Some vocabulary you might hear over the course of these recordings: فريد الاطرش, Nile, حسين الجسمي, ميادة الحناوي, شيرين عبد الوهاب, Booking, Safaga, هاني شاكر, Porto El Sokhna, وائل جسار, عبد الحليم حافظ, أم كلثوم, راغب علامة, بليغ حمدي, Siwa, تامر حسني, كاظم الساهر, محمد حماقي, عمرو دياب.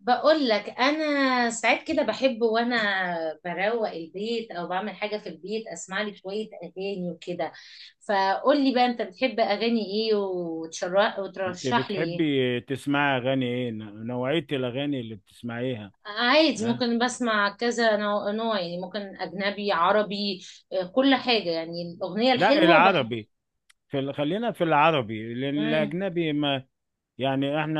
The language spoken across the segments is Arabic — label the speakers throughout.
Speaker 1: بقول لك انا ساعات كده بحب، وانا بروق البيت او بعمل حاجه في البيت، اسمع لي شويه اغاني وكده. فقول لي بقى، انت بتحب اغاني ايه، وتشرح
Speaker 2: انت
Speaker 1: وترشح لي ايه.
Speaker 2: بتحبي تسمعي اغاني ايه، نوعية الاغاني اللي بتسمعيها؟
Speaker 1: عادي،
Speaker 2: ها.
Speaker 1: ممكن بسمع كذا نوع نوع، يعني ممكن اجنبي عربي. آه، كل حاجه، يعني الاغنيه
Speaker 2: لا،
Speaker 1: الحلوه بحب.
Speaker 2: العربي. خلينا في العربي لان
Speaker 1: امم.
Speaker 2: الاجنبي ما يعني احنا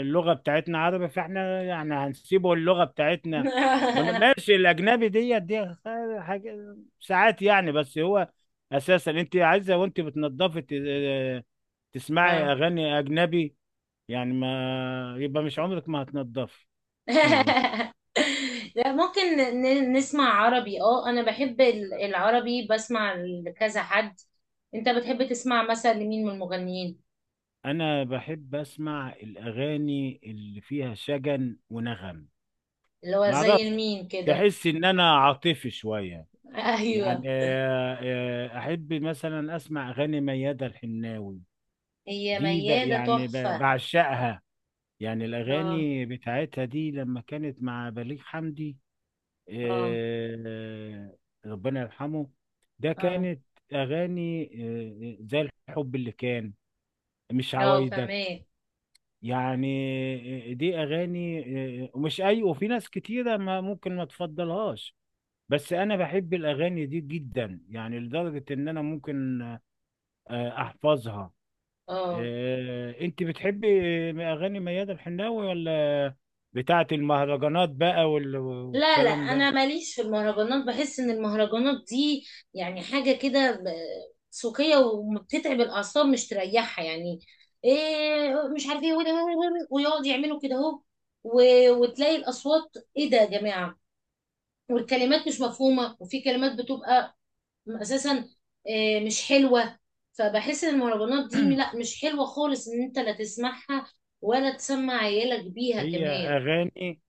Speaker 2: اللغة بتاعتنا عربي، فاحنا يعني هنسيبه اللغة بتاعتنا. ماشي، الاجنبي دي حاجة ساعات يعني، بس هو اساسا انت عايزة وانت بتنضفي تسمعي
Speaker 1: آه.
Speaker 2: اغاني اجنبي، يعني ما يبقى مش عمرك ما هتنضفي.
Speaker 1: لا، ممكن نسمع عربي. اه انا بحب العربي، بسمع لكذا حد. انت بتحب تسمع مثلا لمين من المغنيين؟
Speaker 2: انا بحب اسمع الاغاني اللي فيها شجن ونغم.
Speaker 1: اللي هو
Speaker 2: ما
Speaker 1: زي
Speaker 2: اعرفش،
Speaker 1: مين كده؟
Speaker 2: تحس ان انا عاطفي شويه يعني.
Speaker 1: ايوه.
Speaker 2: احب مثلا اسمع اغاني ميادة الحناوي.
Speaker 1: هي
Speaker 2: دي ب-
Speaker 1: ميادة
Speaker 2: يعني ب-
Speaker 1: تحفة.
Speaker 2: بعشقها، يعني
Speaker 1: اه،
Speaker 2: الاغاني بتاعتها دي لما كانت مع بليغ حمدي،
Speaker 1: اه،
Speaker 2: آه، آه، ربنا يرحمه. ده
Speaker 1: اه،
Speaker 2: كانت اغاني، زي الحب اللي كان، مش
Speaker 1: اه،
Speaker 2: عوايدك،
Speaker 1: فهماك.
Speaker 2: يعني دي اغاني. ومش اي، وفي ناس كتيره ما ممكن ما تفضلهاش، بس انا بحب الاغاني دي جدا، يعني لدرجه ان انا ممكن احفظها.
Speaker 1: اه.
Speaker 2: انت بتحبي اغاني ميادة الحناوي، ولا بتاعه المهرجانات بقى
Speaker 1: لا لا،
Speaker 2: والكلام ده؟
Speaker 1: انا ماليش في المهرجانات. بحس ان المهرجانات دي يعني حاجه كده سوقيه، وبتتعب الاعصاب مش تريحها يعني. ايه مش عارف ايه. ويقعد يعملوا كده اهو، وتلاقي الاصوات، ايه ده يا جماعه. والكلمات مش مفهومه، وفي كلمات بتبقى اساسا إيه مش حلوه. فبحس ان المهرجانات دي لا، مش حلوه خالص، ان انت لا تسمعها ولا تسمع عيالك بيها
Speaker 2: هي
Speaker 1: كمان.
Speaker 2: اغاني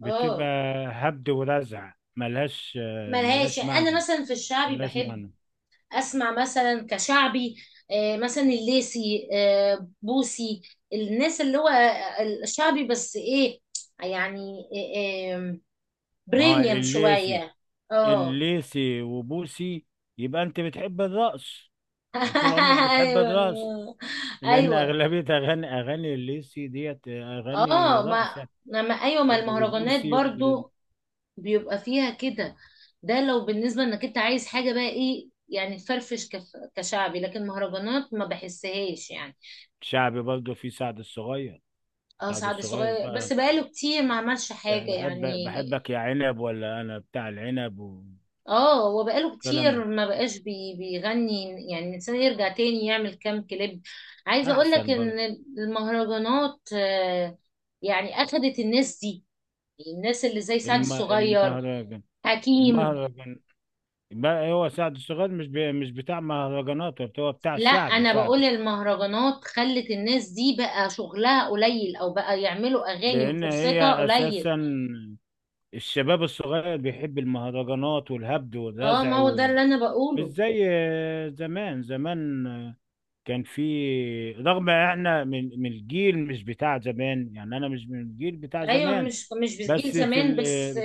Speaker 2: بتبقى
Speaker 1: اه
Speaker 2: هبد ورزع، ملهاش
Speaker 1: ملهاش.
Speaker 2: ملهاش
Speaker 1: انا
Speaker 2: معنى،
Speaker 1: مثلا في الشعبي
Speaker 2: ملهاش
Speaker 1: بحب
Speaker 2: معنى.
Speaker 1: اسمع مثلا كشعبي، مثلا الليسي، بوسي. الناس اللي هو الشعبي، بس ايه يعني، آه، آم،
Speaker 2: ما هو
Speaker 1: بريميوم
Speaker 2: الليسي،
Speaker 1: شوية. اه.
Speaker 2: الليثي وبوسي؟ يبقى انت بتحب الرقص، من طول عمرك بتحب
Speaker 1: ايوه،
Speaker 2: الرقص، لان
Speaker 1: ايوه.
Speaker 2: اغلبيه اغاني الليثي ديت اغاني
Speaker 1: اه، ما
Speaker 2: رقص يعني.
Speaker 1: لما ايوه، ما المهرجانات
Speaker 2: وبوسي.
Speaker 1: برضو بيبقى فيها كده. ده لو بالنسبة انك انت عايز حاجة بقى ايه، يعني تفرفش كشعبي، لكن مهرجانات ما بحسهاش يعني.
Speaker 2: والشعبي برضه في سعد الصغير.
Speaker 1: اه،
Speaker 2: سعد
Speaker 1: سعد
Speaker 2: الصغير
Speaker 1: الصغير
Speaker 2: بقى،
Speaker 1: بس بقاله كتير ما عملش
Speaker 2: يعني
Speaker 1: حاجة يعني.
Speaker 2: بحبك يا عنب، ولا انا بتاع العنب،
Speaker 1: اه، هو بقاله
Speaker 2: والكلام
Speaker 1: كتير
Speaker 2: ده.
Speaker 1: ما بقاش بيغني. يعني الإنسان يرجع تاني يعمل كام كليب. عايزة اقول لك
Speaker 2: احسن
Speaker 1: ان
Speaker 2: برضه.
Speaker 1: المهرجانات، يعني اخدت الناس دي، الناس اللي زي سعد الصغير،
Speaker 2: المهرجان،
Speaker 1: حكيم.
Speaker 2: المهرجان بقى، هو سعد الصغير مش بتاع مهرجانات، هو بتاع
Speaker 1: لا،
Speaker 2: شعبي
Speaker 1: انا بقول
Speaker 2: شعبي.
Speaker 1: المهرجانات خلت الناس دي بقى شغلها قليل، او بقى يعملوا اغاني
Speaker 2: لان
Speaker 1: وفرصتها
Speaker 2: هي
Speaker 1: قليل.
Speaker 2: اساسا الشباب الصغير بيحب المهرجانات والهبد
Speaker 1: اه،
Speaker 2: والرزع
Speaker 1: ما هو ده اللي انا
Speaker 2: مش
Speaker 1: بقوله.
Speaker 2: زي زمان. زمان كان في، رغم احنا من الجيل مش بتاع زمان، يعني انا مش من الجيل بتاع
Speaker 1: ايوه
Speaker 2: زمان،
Speaker 1: مش بجيل
Speaker 2: بس في
Speaker 1: زمان بس.
Speaker 2: ال...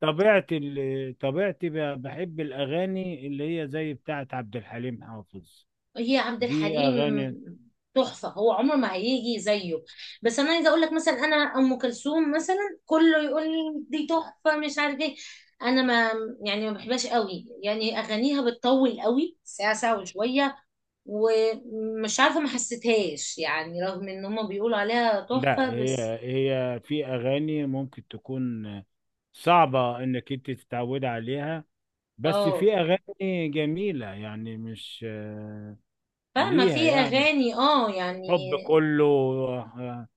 Speaker 2: طبيعة ال... طبيعتي بحب الأغاني اللي هي زي بتاعة عبد الحليم حافظ.
Speaker 1: هي عبد
Speaker 2: دي
Speaker 1: الحليم
Speaker 2: أغاني.
Speaker 1: تحفة، هو عمر ما هيجي زيه. بس انا عايزه اقول لك مثلا، انا ام كلثوم مثلا، كله يقول لي دي تحفة مش عارف ايه. انا ما يعني ما بحبهاش قوي، يعني اغانيها بتطول قوي، ساعة ساعة وشوية. ومش عارفة ما حسيتهاش، يعني رغم ان هما بيقولوا عليها
Speaker 2: لا،
Speaker 1: تحفة
Speaker 2: هي
Speaker 1: بس.
Speaker 2: في أغاني ممكن تكون صعبة إنك أنت تتعود عليها، بس
Speaker 1: اه
Speaker 2: في اغاني جميله يعني، مش
Speaker 1: فاهمة،
Speaker 2: ليها
Speaker 1: في
Speaker 2: يعني
Speaker 1: اغاني اه يعني.
Speaker 2: حب كله،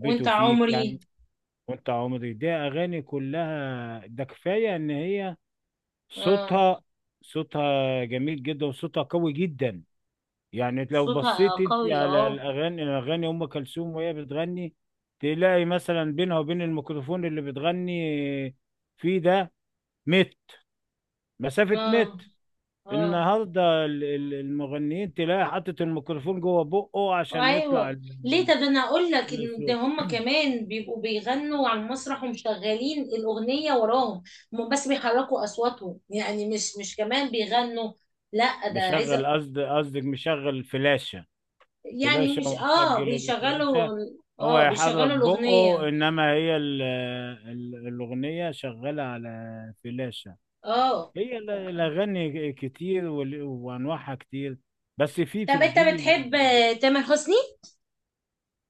Speaker 1: وانت
Speaker 2: فيك، يعني
Speaker 1: عمري.
Speaker 2: وانت عمري. دي اغاني كلها، ده كفايه ان هي
Speaker 1: اه،
Speaker 2: صوتها صوتها جميل جدا، وصوتها قوي جدا. يعني لو
Speaker 1: صوتها
Speaker 2: بصيت انت
Speaker 1: قوي،
Speaker 2: على
Speaker 1: اه،
Speaker 2: الاغاني ام كلثوم وهي بتغني، تلاقي مثلا بينها وبين الميكروفون اللي بتغني فيه ده متر، مسافه
Speaker 1: اه،
Speaker 2: متر.
Speaker 1: اه،
Speaker 2: النهارده المغنيين تلاقي حاطط الميكروفون جوه بقه عشان يطلع
Speaker 1: ايوه. ليه، طب انا اقول لك ان ده،
Speaker 2: الصوت.
Speaker 1: هم كمان بيبقوا بيغنوا على المسرح ومشغلين الاغنيه وراهم. هم بس بيحركوا اصواتهم، يعني مش كمان بيغنوا. لا، ده
Speaker 2: مشغل،
Speaker 1: عايزه،
Speaker 2: قصدك مشغل فلاشة،
Speaker 1: يعني
Speaker 2: فلاشة
Speaker 1: مش
Speaker 2: ومسجل الفلاشة،
Speaker 1: بيشغلوا.
Speaker 2: هو
Speaker 1: اه،
Speaker 2: يحرك
Speaker 1: بيشغلوا
Speaker 2: بقه،
Speaker 1: الاغنيه.
Speaker 2: انما هي الاغنية شغالة على فلاشة.
Speaker 1: اه،
Speaker 2: هي الاغاني كتير وانواعها كتير، بس في
Speaker 1: طب انت
Speaker 2: الجيل
Speaker 1: بتحب تامر حسني؟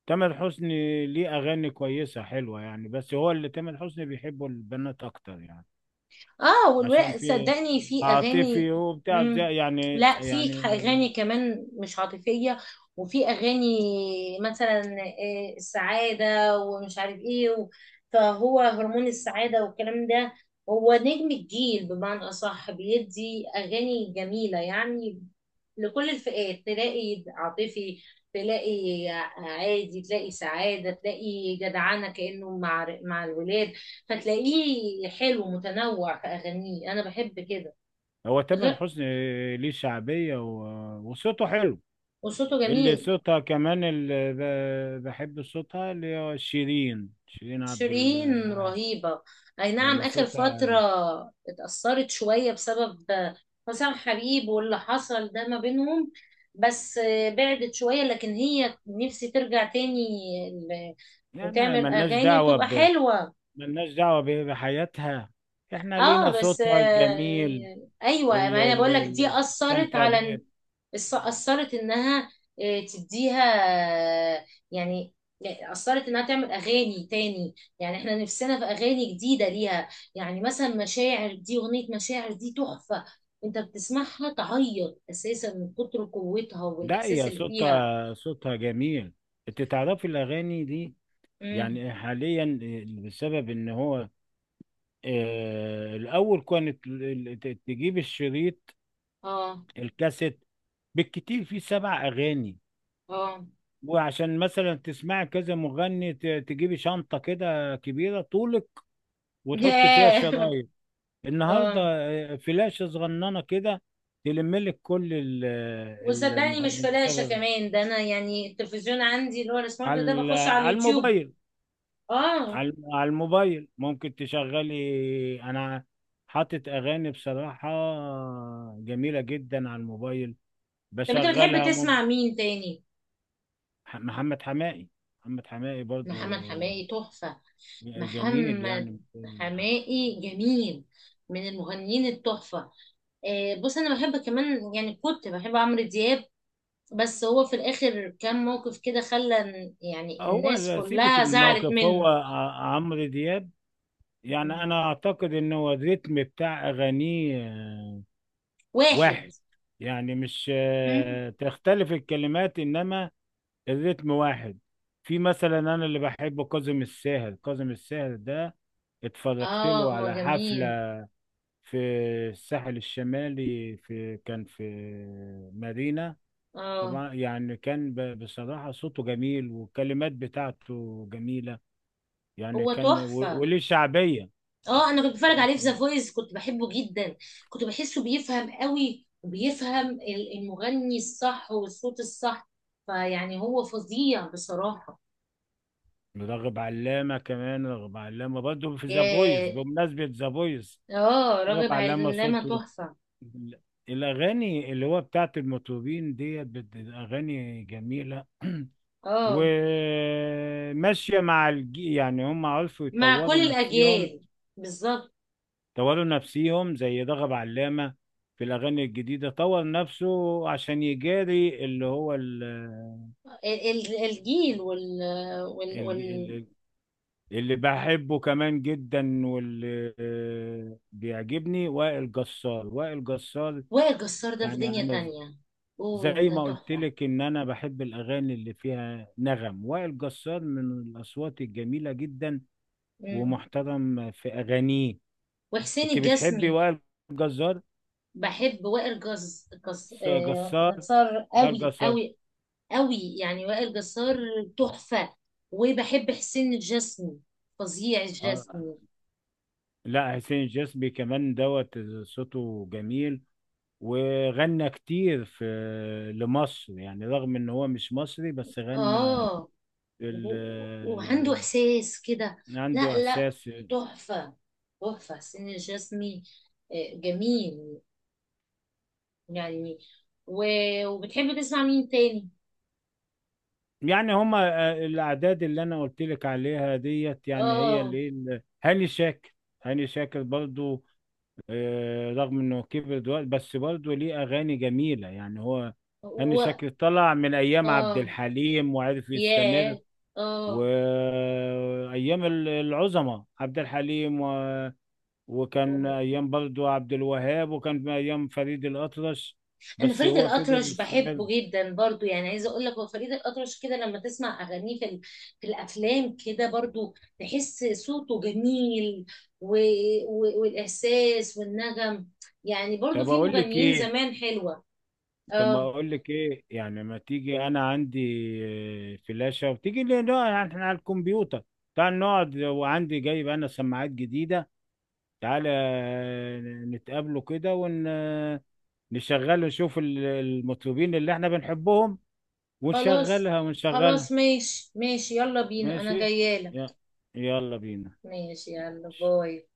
Speaker 2: تامر حسني ليه اغاني كويسة حلوة يعني، بس هو اللي تامر حسني بيحبه البنات اكتر يعني،
Speaker 1: اه،
Speaker 2: عشان
Speaker 1: والولاء
Speaker 2: في
Speaker 1: صدقني في اغاني.
Speaker 2: عاطفي
Speaker 1: مم.
Speaker 2: يعني
Speaker 1: لا، في اغاني كمان مش عاطفيه، وفي اغاني مثلا السعاده ومش عارف ايه فهو هرمون السعاده والكلام ده. هو نجم الجيل بمعنى اصح، بيدي اغاني جميله يعني لكل الفئات. تلاقي عاطفي، تلاقي عادي، تلاقي سعاده، تلاقي جدعانه كانه مع الولاد. فتلاقيه حلو متنوع في أغانيه، أنا بحب كده.
Speaker 2: هو تامر
Speaker 1: غير
Speaker 2: حسني ليه شعبية وصوته حلو.
Speaker 1: وصوته
Speaker 2: اللي
Speaker 1: جميل.
Speaker 2: صوتها كمان، اللي بحب صوتها اللي هو شيرين، شيرين عبد
Speaker 1: شيرين
Speaker 2: الوهاب.
Speaker 1: رهيبة، أي نعم.
Speaker 2: يعني
Speaker 1: آخر فترة
Speaker 2: صوتها،
Speaker 1: اتأثرت شوية بسبب حسام حبيب واللي حصل ده ما بينهم، بس بعدت شوية، لكن هي نفسي ترجع تاني ل-
Speaker 2: يعني
Speaker 1: وتعمل
Speaker 2: ملناش
Speaker 1: أغاني
Speaker 2: دعوة
Speaker 1: وتبقى
Speaker 2: ب،
Speaker 1: حلوة.
Speaker 2: ملناش دعوة بحياتها، احنا لينا
Speaker 1: اه بس،
Speaker 2: صوتها الجميل
Speaker 1: ايوه، ما
Speaker 2: اللي
Speaker 1: انا بقول لك دي
Speaker 2: اللي
Speaker 1: اثرت
Speaker 2: بتستمتع
Speaker 1: على
Speaker 2: بيه.
Speaker 1: أثرت إنها، تديها، آه، يعني يعني أثرت إنها تعمل أغاني تاني، يعني إحنا نفسنا في أغاني جديدة ليها. يعني مثلا مشاعر، دي أغنية، مشاعر دي تحفة، أنت بتسمعها تعيط أساسا من كتر قوتها
Speaker 2: لا،
Speaker 1: والإحساس
Speaker 2: هي
Speaker 1: اللي فيها.
Speaker 2: صوتها جميل. انت تعرفي الأغاني دي؟
Speaker 1: امم،
Speaker 2: يعني حاليا بسبب ان هو الاول كانت تجيب الشريط،
Speaker 1: آه،
Speaker 2: الكاسيت، بالكتير فيه سبع اغاني،
Speaker 1: آه.
Speaker 2: وعشان مثلا تسمعي كذا مغني تجيبي شنطة كده كبيرة طولك، وتحط فيها
Speaker 1: ياه،
Speaker 2: الشرايط. النهاردة
Speaker 1: آه.
Speaker 2: فلاشة صغننة كده، تلم لك كل
Speaker 1: وصدقني مش
Speaker 2: المغنيين.
Speaker 1: فلاشة
Speaker 2: بسبب
Speaker 1: كمان، ده أنا يعني التلفزيون عندي اللي هو السمارت ده بخش على
Speaker 2: على
Speaker 1: اليوتيوب.
Speaker 2: الموبايل،
Speaker 1: آه.
Speaker 2: على الموبايل ممكن تشغلي. انا حاطط اغاني بصراحة جميلة جدا على الموبايل
Speaker 1: طب أنت بتحب
Speaker 2: بشغلها
Speaker 1: تسمع مين تاني؟
Speaker 2: محمد حماقي. محمد حماقي برضو
Speaker 1: محمد حماقي تحفة،
Speaker 2: جميل يعني.
Speaker 1: محمد حماقي جميل، من المغنيين التحفة. آه، بص، أنا بحب كمان، يعني كنت بحب عمرو دياب، بس هو في الآخر كان موقف كده خلى يعني
Speaker 2: هو
Speaker 1: الناس
Speaker 2: سيبك
Speaker 1: كلها
Speaker 2: من
Speaker 1: زعلت
Speaker 2: الموقف، هو
Speaker 1: منه.
Speaker 2: عمرو دياب، يعني
Speaker 1: مم.
Speaker 2: انا اعتقد ان هو الريتم بتاع اغانيه
Speaker 1: واحد.
Speaker 2: واحد، يعني مش
Speaker 1: مم.
Speaker 2: تختلف الكلمات، انما الريتم واحد. في مثلا انا اللي بحبه كاظم الساهر. كاظم الساهر ده اتفرجت
Speaker 1: اه
Speaker 2: له
Speaker 1: هو
Speaker 2: على
Speaker 1: جميل.
Speaker 2: حفلة في الساحل الشمالي، في كان في مارينا.
Speaker 1: اه،
Speaker 2: طبعا يعني كان بصراحة صوته جميل والكلمات بتاعته جميلة، يعني
Speaker 1: هو
Speaker 2: كان
Speaker 1: تحفة.
Speaker 2: وليه شعبية.
Speaker 1: اه، انا كنت بتفرج عليه في ذا
Speaker 2: يمكن
Speaker 1: فويس، كنت بحبه جدا، كنت بحسه بيفهم قوي وبيفهم المغني الصح والصوت الصح، فيعني هو فظيع بصراحة.
Speaker 2: راغب علامة كمان، راغب علامة برضه في ذا فويس،
Speaker 1: يا-
Speaker 2: بمناسبة ذا فويس،
Speaker 1: اه،
Speaker 2: راغب
Speaker 1: راغب
Speaker 2: علامة
Speaker 1: علامة
Speaker 2: صوته.
Speaker 1: تحفة.
Speaker 2: الأغاني اللي هو بتاعت المطربين ديت أغاني جميلة
Speaker 1: اه،
Speaker 2: وماشية مع الجي، يعني هم عرفوا
Speaker 1: مع كل
Speaker 2: يطوروا نفسهم،
Speaker 1: الأجيال بالظبط.
Speaker 2: طوروا نفسهم زي رغب علامة في الأغاني الجديدة، طور نفسه عشان يجاري اللي هو
Speaker 1: الجيل وال وال
Speaker 2: ال-
Speaker 1: وال
Speaker 2: ال- اللي بحبه كمان جدا واللي بيعجبني وائل جسار. وائل جسار
Speaker 1: وائل جسار ده في
Speaker 2: يعني
Speaker 1: دنيا
Speaker 2: أنا
Speaker 1: تانية. اوه،
Speaker 2: زي
Speaker 1: ده
Speaker 2: ما قلت
Speaker 1: تحفة.
Speaker 2: لك ان انا بحب الاغاني اللي فيها نغم. وائل جسار من الاصوات الجميله جدا،
Speaker 1: مم.
Speaker 2: ومحترم في اغانيه.
Speaker 1: وحسين
Speaker 2: انت بتحبي
Speaker 1: الجسمي.
Speaker 2: وائل جسار
Speaker 1: بحب وائل جس جس
Speaker 2: جسار؟
Speaker 1: جسار
Speaker 2: وائل
Speaker 1: قوي
Speaker 2: جسار.
Speaker 1: قوي قوي، يعني وائل جسار تحفة. وبحب حسين الجسمي، فظيع
Speaker 2: آه.
Speaker 1: الجسمي.
Speaker 2: لا، حسين الجسمي كمان دوت، صوته جميل، وغنى كتير في لمصر يعني، رغم ان هو مش مصري بس غنى
Speaker 1: اه،
Speaker 2: ال...
Speaker 1: وعنده
Speaker 2: ال-
Speaker 1: احساس كده.
Speaker 2: عنده
Speaker 1: لا لا،
Speaker 2: احساس.
Speaker 1: تحفة تحفة حسين الجسمي. جميل يعني. وبتحب تسمع مين تاني؟
Speaker 2: يعني هما الاعداد اللي انا قلت لك عليها ديت، يعني هي
Speaker 1: اه.
Speaker 2: هاني شاكر. هاني شاكر برضو، رغم انه كبر دلوقتي بس برضو ليه اغاني جميله يعني. هو هاني
Speaker 1: و...
Speaker 2: شاكر طلع من ايام عبد
Speaker 1: اه،
Speaker 2: الحليم وعرف يستمر.
Speaker 1: ياه، اه.
Speaker 2: وايام العظماء، عبد الحليم، و... وكان ايام برضو عبد الوهاب، وكان ايام فريد الاطرش،
Speaker 1: انا
Speaker 2: بس
Speaker 1: فريد
Speaker 2: هو فضل
Speaker 1: الاطرش
Speaker 2: يستمر.
Speaker 1: بحبه جدا برضو، يعني عايزه اقول لك، هو فريد الاطرش كده لما تسمع اغانيه في الافلام كده برضو تحس صوته جميل. و... والاحساس والنغم، يعني برضو
Speaker 2: طب
Speaker 1: في
Speaker 2: اقول لك
Speaker 1: مغنيين
Speaker 2: ايه،
Speaker 1: زمان حلوه.
Speaker 2: طب ما
Speaker 1: اه.
Speaker 2: اقول لك ايه، يعني ما تيجي انا عندي فلاشة، وتيجي لي نقعد يعني احنا على الكمبيوتر، تعال نقعد، وعندي جايب انا سماعات جديدة. تعالى نتقابلوا كده ونشغل، نشوف المطربين اللي احنا بنحبهم،
Speaker 1: خلاص
Speaker 2: ونشغلها ونشغلها.
Speaker 1: خلاص، ماشي ماشي، يلا بينا، انا
Speaker 2: ماشي.
Speaker 1: جايه لك.
Speaker 2: يلا، يلا بينا.
Speaker 1: ماشي، يلا،
Speaker 2: ماشي.
Speaker 1: باي.